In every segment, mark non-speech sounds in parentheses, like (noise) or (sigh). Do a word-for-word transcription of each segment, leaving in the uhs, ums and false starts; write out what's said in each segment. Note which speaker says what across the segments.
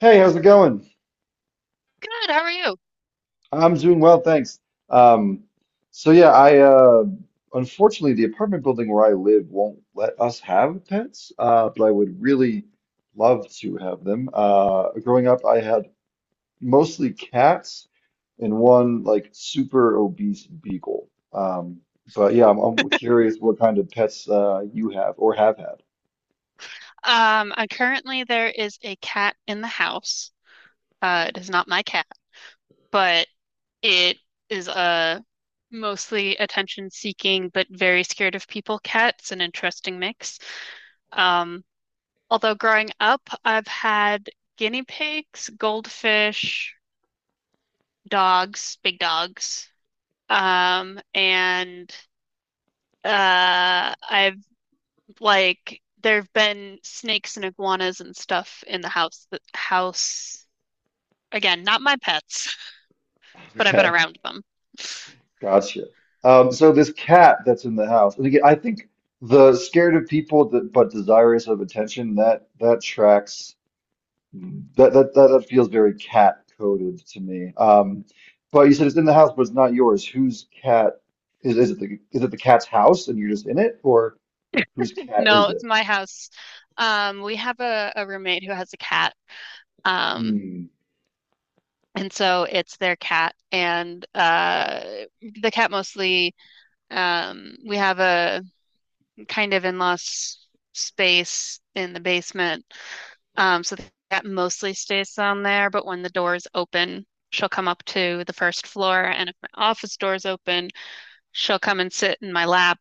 Speaker 1: Hey, how's it going?
Speaker 2: Good, how are you?
Speaker 1: I'm doing well, thanks. Um, so yeah, I uh, Unfortunately, the apartment building where I live won't let us have pets, uh, but I would really love to have them. Uh, growing up, I had mostly cats and one like super obese beagle. Um, but yeah, I'm, I'm curious what kind of pets uh, you have or have had.
Speaker 2: Um, I currently there is a cat in the house. Uh, it is not my cat, but it is a mostly attention-seeking but very scared of people cat. It's an interesting mix. Um, Although growing up, I've had guinea pigs, goldfish, dogs, big dogs, um, and uh, I've like there have been snakes and iguanas and stuff in the house. The house again, not my pets, but I've been
Speaker 1: (laughs)
Speaker 2: around them.
Speaker 1: Gotcha. Um, so this cat that's in the house, and again, I think the scared of people, that, but desirous of attention, that that tracks that that that, that feels very cat coded to me. Um, but you said it's in the house, but it's not yours. Whose cat is is it the is it the cat's house and you're just in it, or whose cat
Speaker 2: No,
Speaker 1: is
Speaker 2: it's
Speaker 1: it?
Speaker 2: my house. Um, we have a, a roommate who has a cat. Um,
Speaker 1: Hmm.
Speaker 2: and so it's their cat and uh the cat mostly um we have a kind of in lost space in the basement. Um, so that mostly stays down there. But when the door is open, she'll come up to the first floor. And if my office door is open, she'll come and sit in my lap,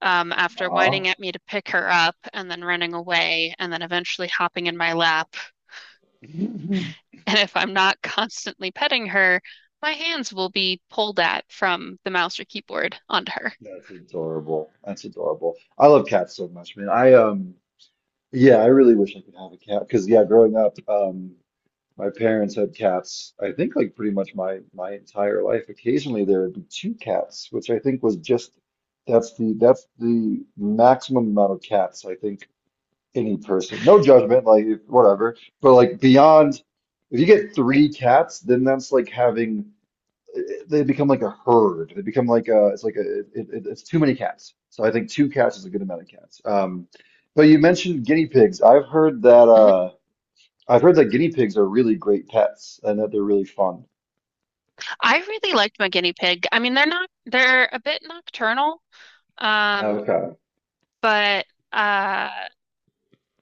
Speaker 2: um, after
Speaker 1: Aw.
Speaker 2: whining at me to pick her up and then running away and then eventually hopping in my lap. (laughs)
Speaker 1: (laughs)
Speaker 2: And if I'm not constantly petting her, my hands will be pulled at from the mouse or keyboard onto her.
Speaker 1: That's adorable. That's adorable. I love cats so much, man. I um Yeah, I really wish I could have a cat because yeah, growing up, um my parents had cats, I think like pretty much my my entire life. Occasionally there would be two cats, which I think was just that's the that's the maximum amount of cats, I think, any person. No judgment, like if- whatever. But like beyond if you get three cats, then that's like having they become like a herd. They become like a it's like a it, it, it's too many cats. So I think two cats is a good amount of cats. Um but you mentioned guinea pigs. I've heard that
Speaker 2: Mm-hmm.
Speaker 1: uh I've heard that guinea pigs are really great pets and that they're really fun.
Speaker 2: I really liked my guinea pig. I mean, they're not, they're a bit nocturnal. Um,
Speaker 1: Okay.
Speaker 2: but uh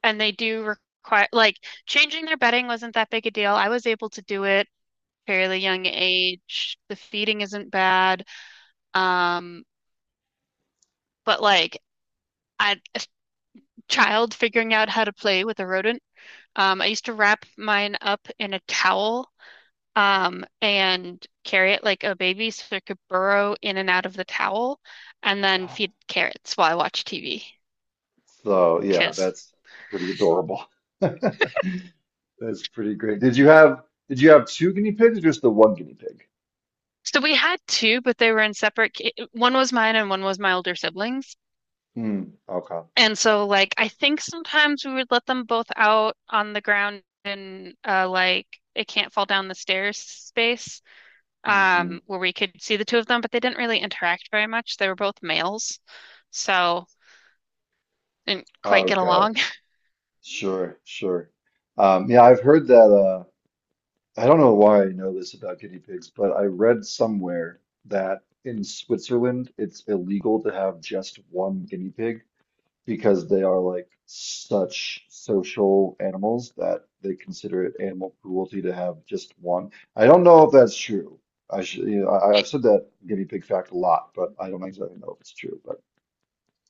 Speaker 2: and they do require like changing their bedding wasn't that big a deal. I was able to do it fairly young age. The feeding isn't bad. Um, but like I, a child figuring out how to play with a rodent. Um, I used to wrap mine up in a towel, um, and carry it like a baby so it could burrow in and out of the towel and then feed carrots while I watch T V
Speaker 1: So yeah,
Speaker 2: because
Speaker 1: that's pretty adorable. (laughs) That's pretty great. Did you have did you have two guinea pigs or just the one guinea pig?
Speaker 2: so we had two, but they were in separate. ca- One was mine and one was my older siblings.
Speaker 1: Hmm. Okay.
Speaker 2: And so, like, I think sometimes we would let them both out on the ground in uh, like it can't fall down the stairs space,
Speaker 1: Hmm.
Speaker 2: um, where we could see the two of them, but they didn't really interact very much. They were both males, so didn't quite get
Speaker 1: Okay.
Speaker 2: along. (laughs)
Speaker 1: Sure. Sure. Um, yeah, I've heard that. Uh, I don't know why I know this about guinea pigs, but I read somewhere that in Switzerland it's illegal to have just one guinea pig, because they are like such social animals that they consider it animal cruelty to have just one. I don't know if that's true. I should, you know, I,
Speaker 2: It-
Speaker 1: I've said that guinea pig fact a lot, but I don't exactly know if it's true. But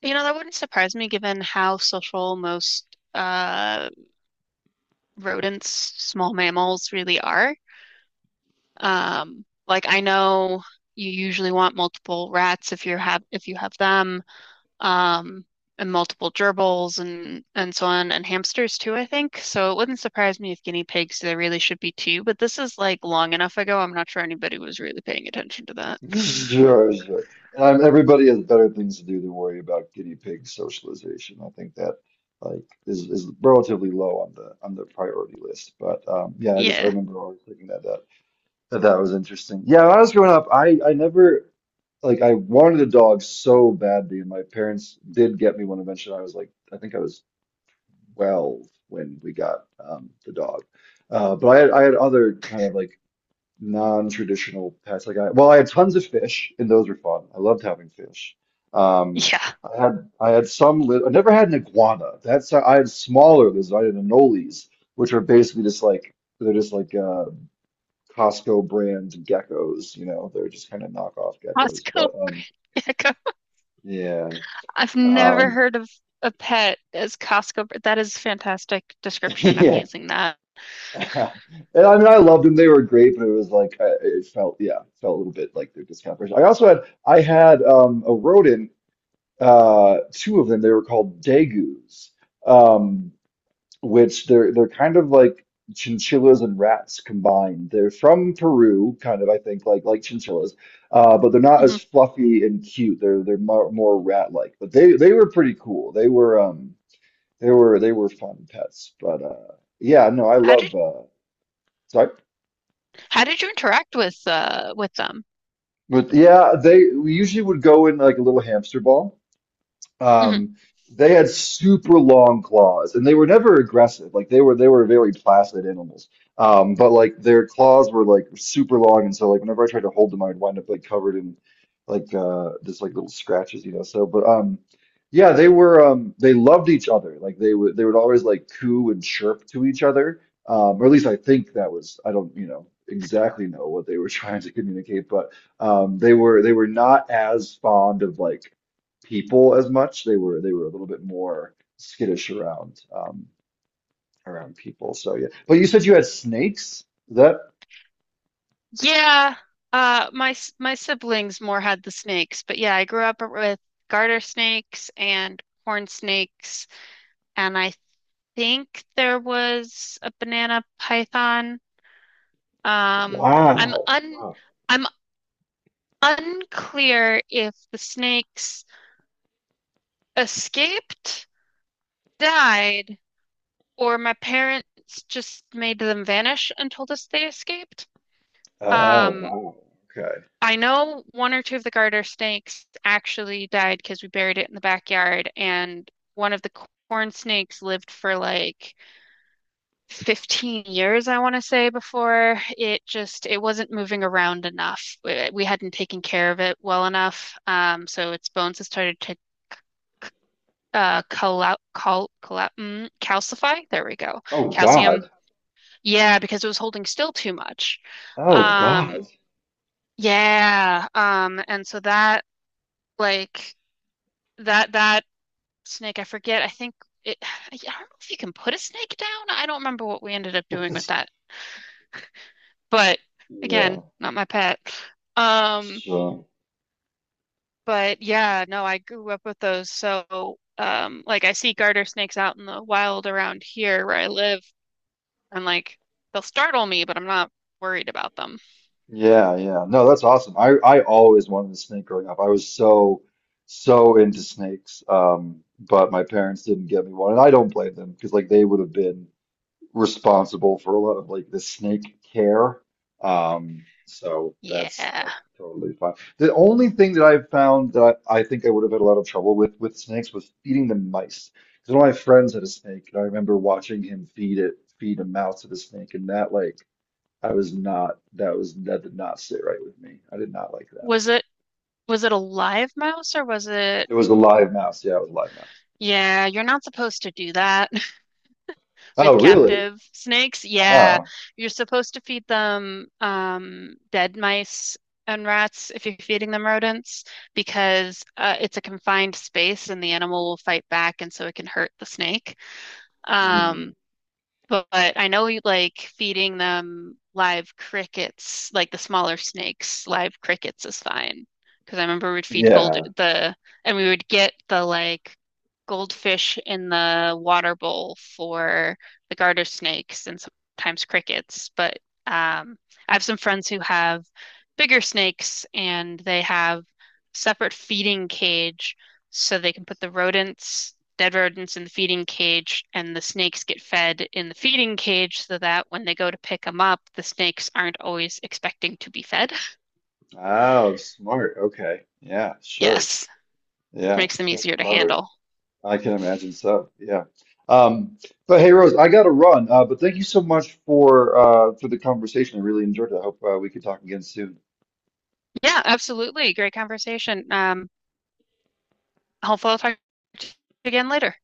Speaker 2: you know, that wouldn't surprise me given how social most uh rodents, small mammals really are. Um, like I know you usually want multiple rats if you have if you have them, um, and multiple gerbils and and so on, and hamsters too, I think. So it wouldn't surprise me if guinea pigs there really should be two, but this is like long enough ago. I'm not sure anybody was really paying attention to that.
Speaker 1: (laughs) sure, sure. And I'm, everybody has better things to do than worry about guinea pig socialization. I think that like is is relatively low on the on the priority list. But um, yeah, I just I
Speaker 2: Yeah.
Speaker 1: remember always thinking that uh, that was interesting. Yeah, when I was growing up, I I never like I wanted a dog so badly, and my parents did get me one eventually. I was like, I think I was twelve when we got um, the dog. Uh, but I had I had other kind of like non-traditional pets. Like I well, I had tons of fish, and those were fun. I loved having fish. Um,
Speaker 2: Yeah.
Speaker 1: I had I had some. Li I never had an iguana. That's I had smaller lizards. I had anoles, which are basically just like they're just like uh Costco brand geckos, you know, they're just kind of knockoff geckos.
Speaker 2: Costco
Speaker 1: But um
Speaker 2: (laughs) gecko.
Speaker 1: Yeah.
Speaker 2: I've never
Speaker 1: Um,
Speaker 2: heard of a pet as Costco. That is fantastic
Speaker 1: (laughs)
Speaker 2: description. I'm
Speaker 1: yeah.
Speaker 2: using that.
Speaker 1: (laughs) And I mean I loved them. They were great, but it was like I, it felt, yeah, it felt a little bit like their discount version. I also had I had um a rodent, uh, two of them. They were called Daegus. Um, which they're they're kind of like chinchillas and rats combined. They're from Peru, kind of, I think, like like chinchillas, uh, but they're not as
Speaker 2: Mhm.
Speaker 1: fluffy and cute. They're they're more, more rat-like. But they they were pretty cool. They were um they were they were fun pets. But uh yeah, no, I
Speaker 2: How did
Speaker 1: love uh Sorry.
Speaker 2: How did you interact with uh with them?
Speaker 1: But yeah, they, we usually would go in like a little hamster ball.
Speaker 2: Hmm.
Speaker 1: Um, they had super long claws, and they were never aggressive. Like they were, they were very placid animals. Um, but like their claws were like super long, and so like whenever I tried to hold them, I'd wind up like covered in like uh just like little scratches, you know. So, but um, Yeah, they were um they loved each other. Like they would they would always like coo and chirp to each other. Um, or at least I think that was, I don't you know exactly know what they were (laughs) trying to communicate, but um, they were they were not as fond of like people as much. They were they were a little bit more skittish around um, around people. So yeah. But you said you had snakes? Is that
Speaker 2: Yeah, uh my s- my siblings more had the snakes, but yeah, I grew up with garter snakes and horn snakes, and I think there was a banana python. Um, I'm
Speaker 1: wow.
Speaker 2: un
Speaker 1: Oh,
Speaker 2: I'm unclear if the snakes escaped, died, or my parents just made them vanish and told us they escaped.
Speaker 1: oh,
Speaker 2: Um,
Speaker 1: wow. Okay.
Speaker 2: I know one or two of the garter snakes actually died because we buried it in the backyard, and one of the corn snakes lived for like fifteen years, I want to say, before it just it wasn't moving around enough. We, we hadn't taken care of it well enough, um, so its bones had started to uh cal cal cal mm, calcify. There we go.
Speaker 1: Oh
Speaker 2: Calcium.
Speaker 1: God.
Speaker 2: Yeah, because it was holding still too much.
Speaker 1: Oh
Speaker 2: Um,
Speaker 1: God.
Speaker 2: yeah. Um, and so that like that that snake, I forget. I think it, (sighs) I don't know if you can put a snake down. I don't remember what we ended up doing with
Speaker 1: (laughs)
Speaker 2: that. But again,
Speaker 1: Yeah.
Speaker 2: not my pet. Um,
Speaker 1: So
Speaker 2: but yeah, no, I grew up with those. So, um, like I see garter snakes out in the wild around here where I live, and like they'll startle me, but I'm not worried about them.
Speaker 1: yeah, yeah. No, that's awesome. I I always wanted a snake growing up. I was so So into snakes. Um, but my parents didn't get me one, and I don't blame them because like they would have been responsible for a lot of like the snake care. Um, so that's
Speaker 2: Yeah.
Speaker 1: that's totally fine. The only thing that I've found that I think I would have had a lot of trouble with with snakes, was feeding them mice. Because one of my friends had a snake, and I remember watching him feed it, feed a mouse to the snake, and that like I was not that was, that did not sit right with me. I did not like that.
Speaker 2: Was it was it a live mouse or was it?
Speaker 1: It was a live mouse. Yeah, it was a live mouse.
Speaker 2: Yeah, you're not supposed to do that
Speaker 1: Oh,
Speaker 2: with
Speaker 1: really?
Speaker 2: captive snakes. Yeah,
Speaker 1: Oh,
Speaker 2: you're supposed to feed them um, dead mice and rats if you're feeding them rodents because uh, it's a confined space and the animal will fight back and so it can hurt the snake. Um,
Speaker 1: hmm.
Speaker 2: but, I know you like feeding them live crickets, like the smaller snakes, live crickets is fine. Because I remember we'd feed gold
Speaker 1: Yeah.
Speaker 2: the, and we would get the like goldfish in the water bowl for the garter snakes and sometimes crickets. But um, I have some friends who have bigger snakes and they have separate feeding cage so they can put the rodents, dead rodents in the feeding cage and the snakes get fed in the feeding cage so that when they go to pick them up, the snakes aren't always expecting to be fed.
Speaker 1: Oh, smart. Okay. Yeah, sure.
Speaker 2: Yes, which
Speaker 1: Yeah,
Speaker 2: makes them
Speaker 1: that's
Speaker 2: easier to
Speaker 1: clever.
Speaker 2: handle.
Speaker 1: I can imagine so. Yeah. Um, but hey, Rose, I gotta run. Uh, but thank you so much for uh, for the conversation. I really enjoyed it. I hope uh, we could talk again soon.
Speaker 2: Yeah, absolutely. Great conversation. Um, hopefully I'll talk to you again later.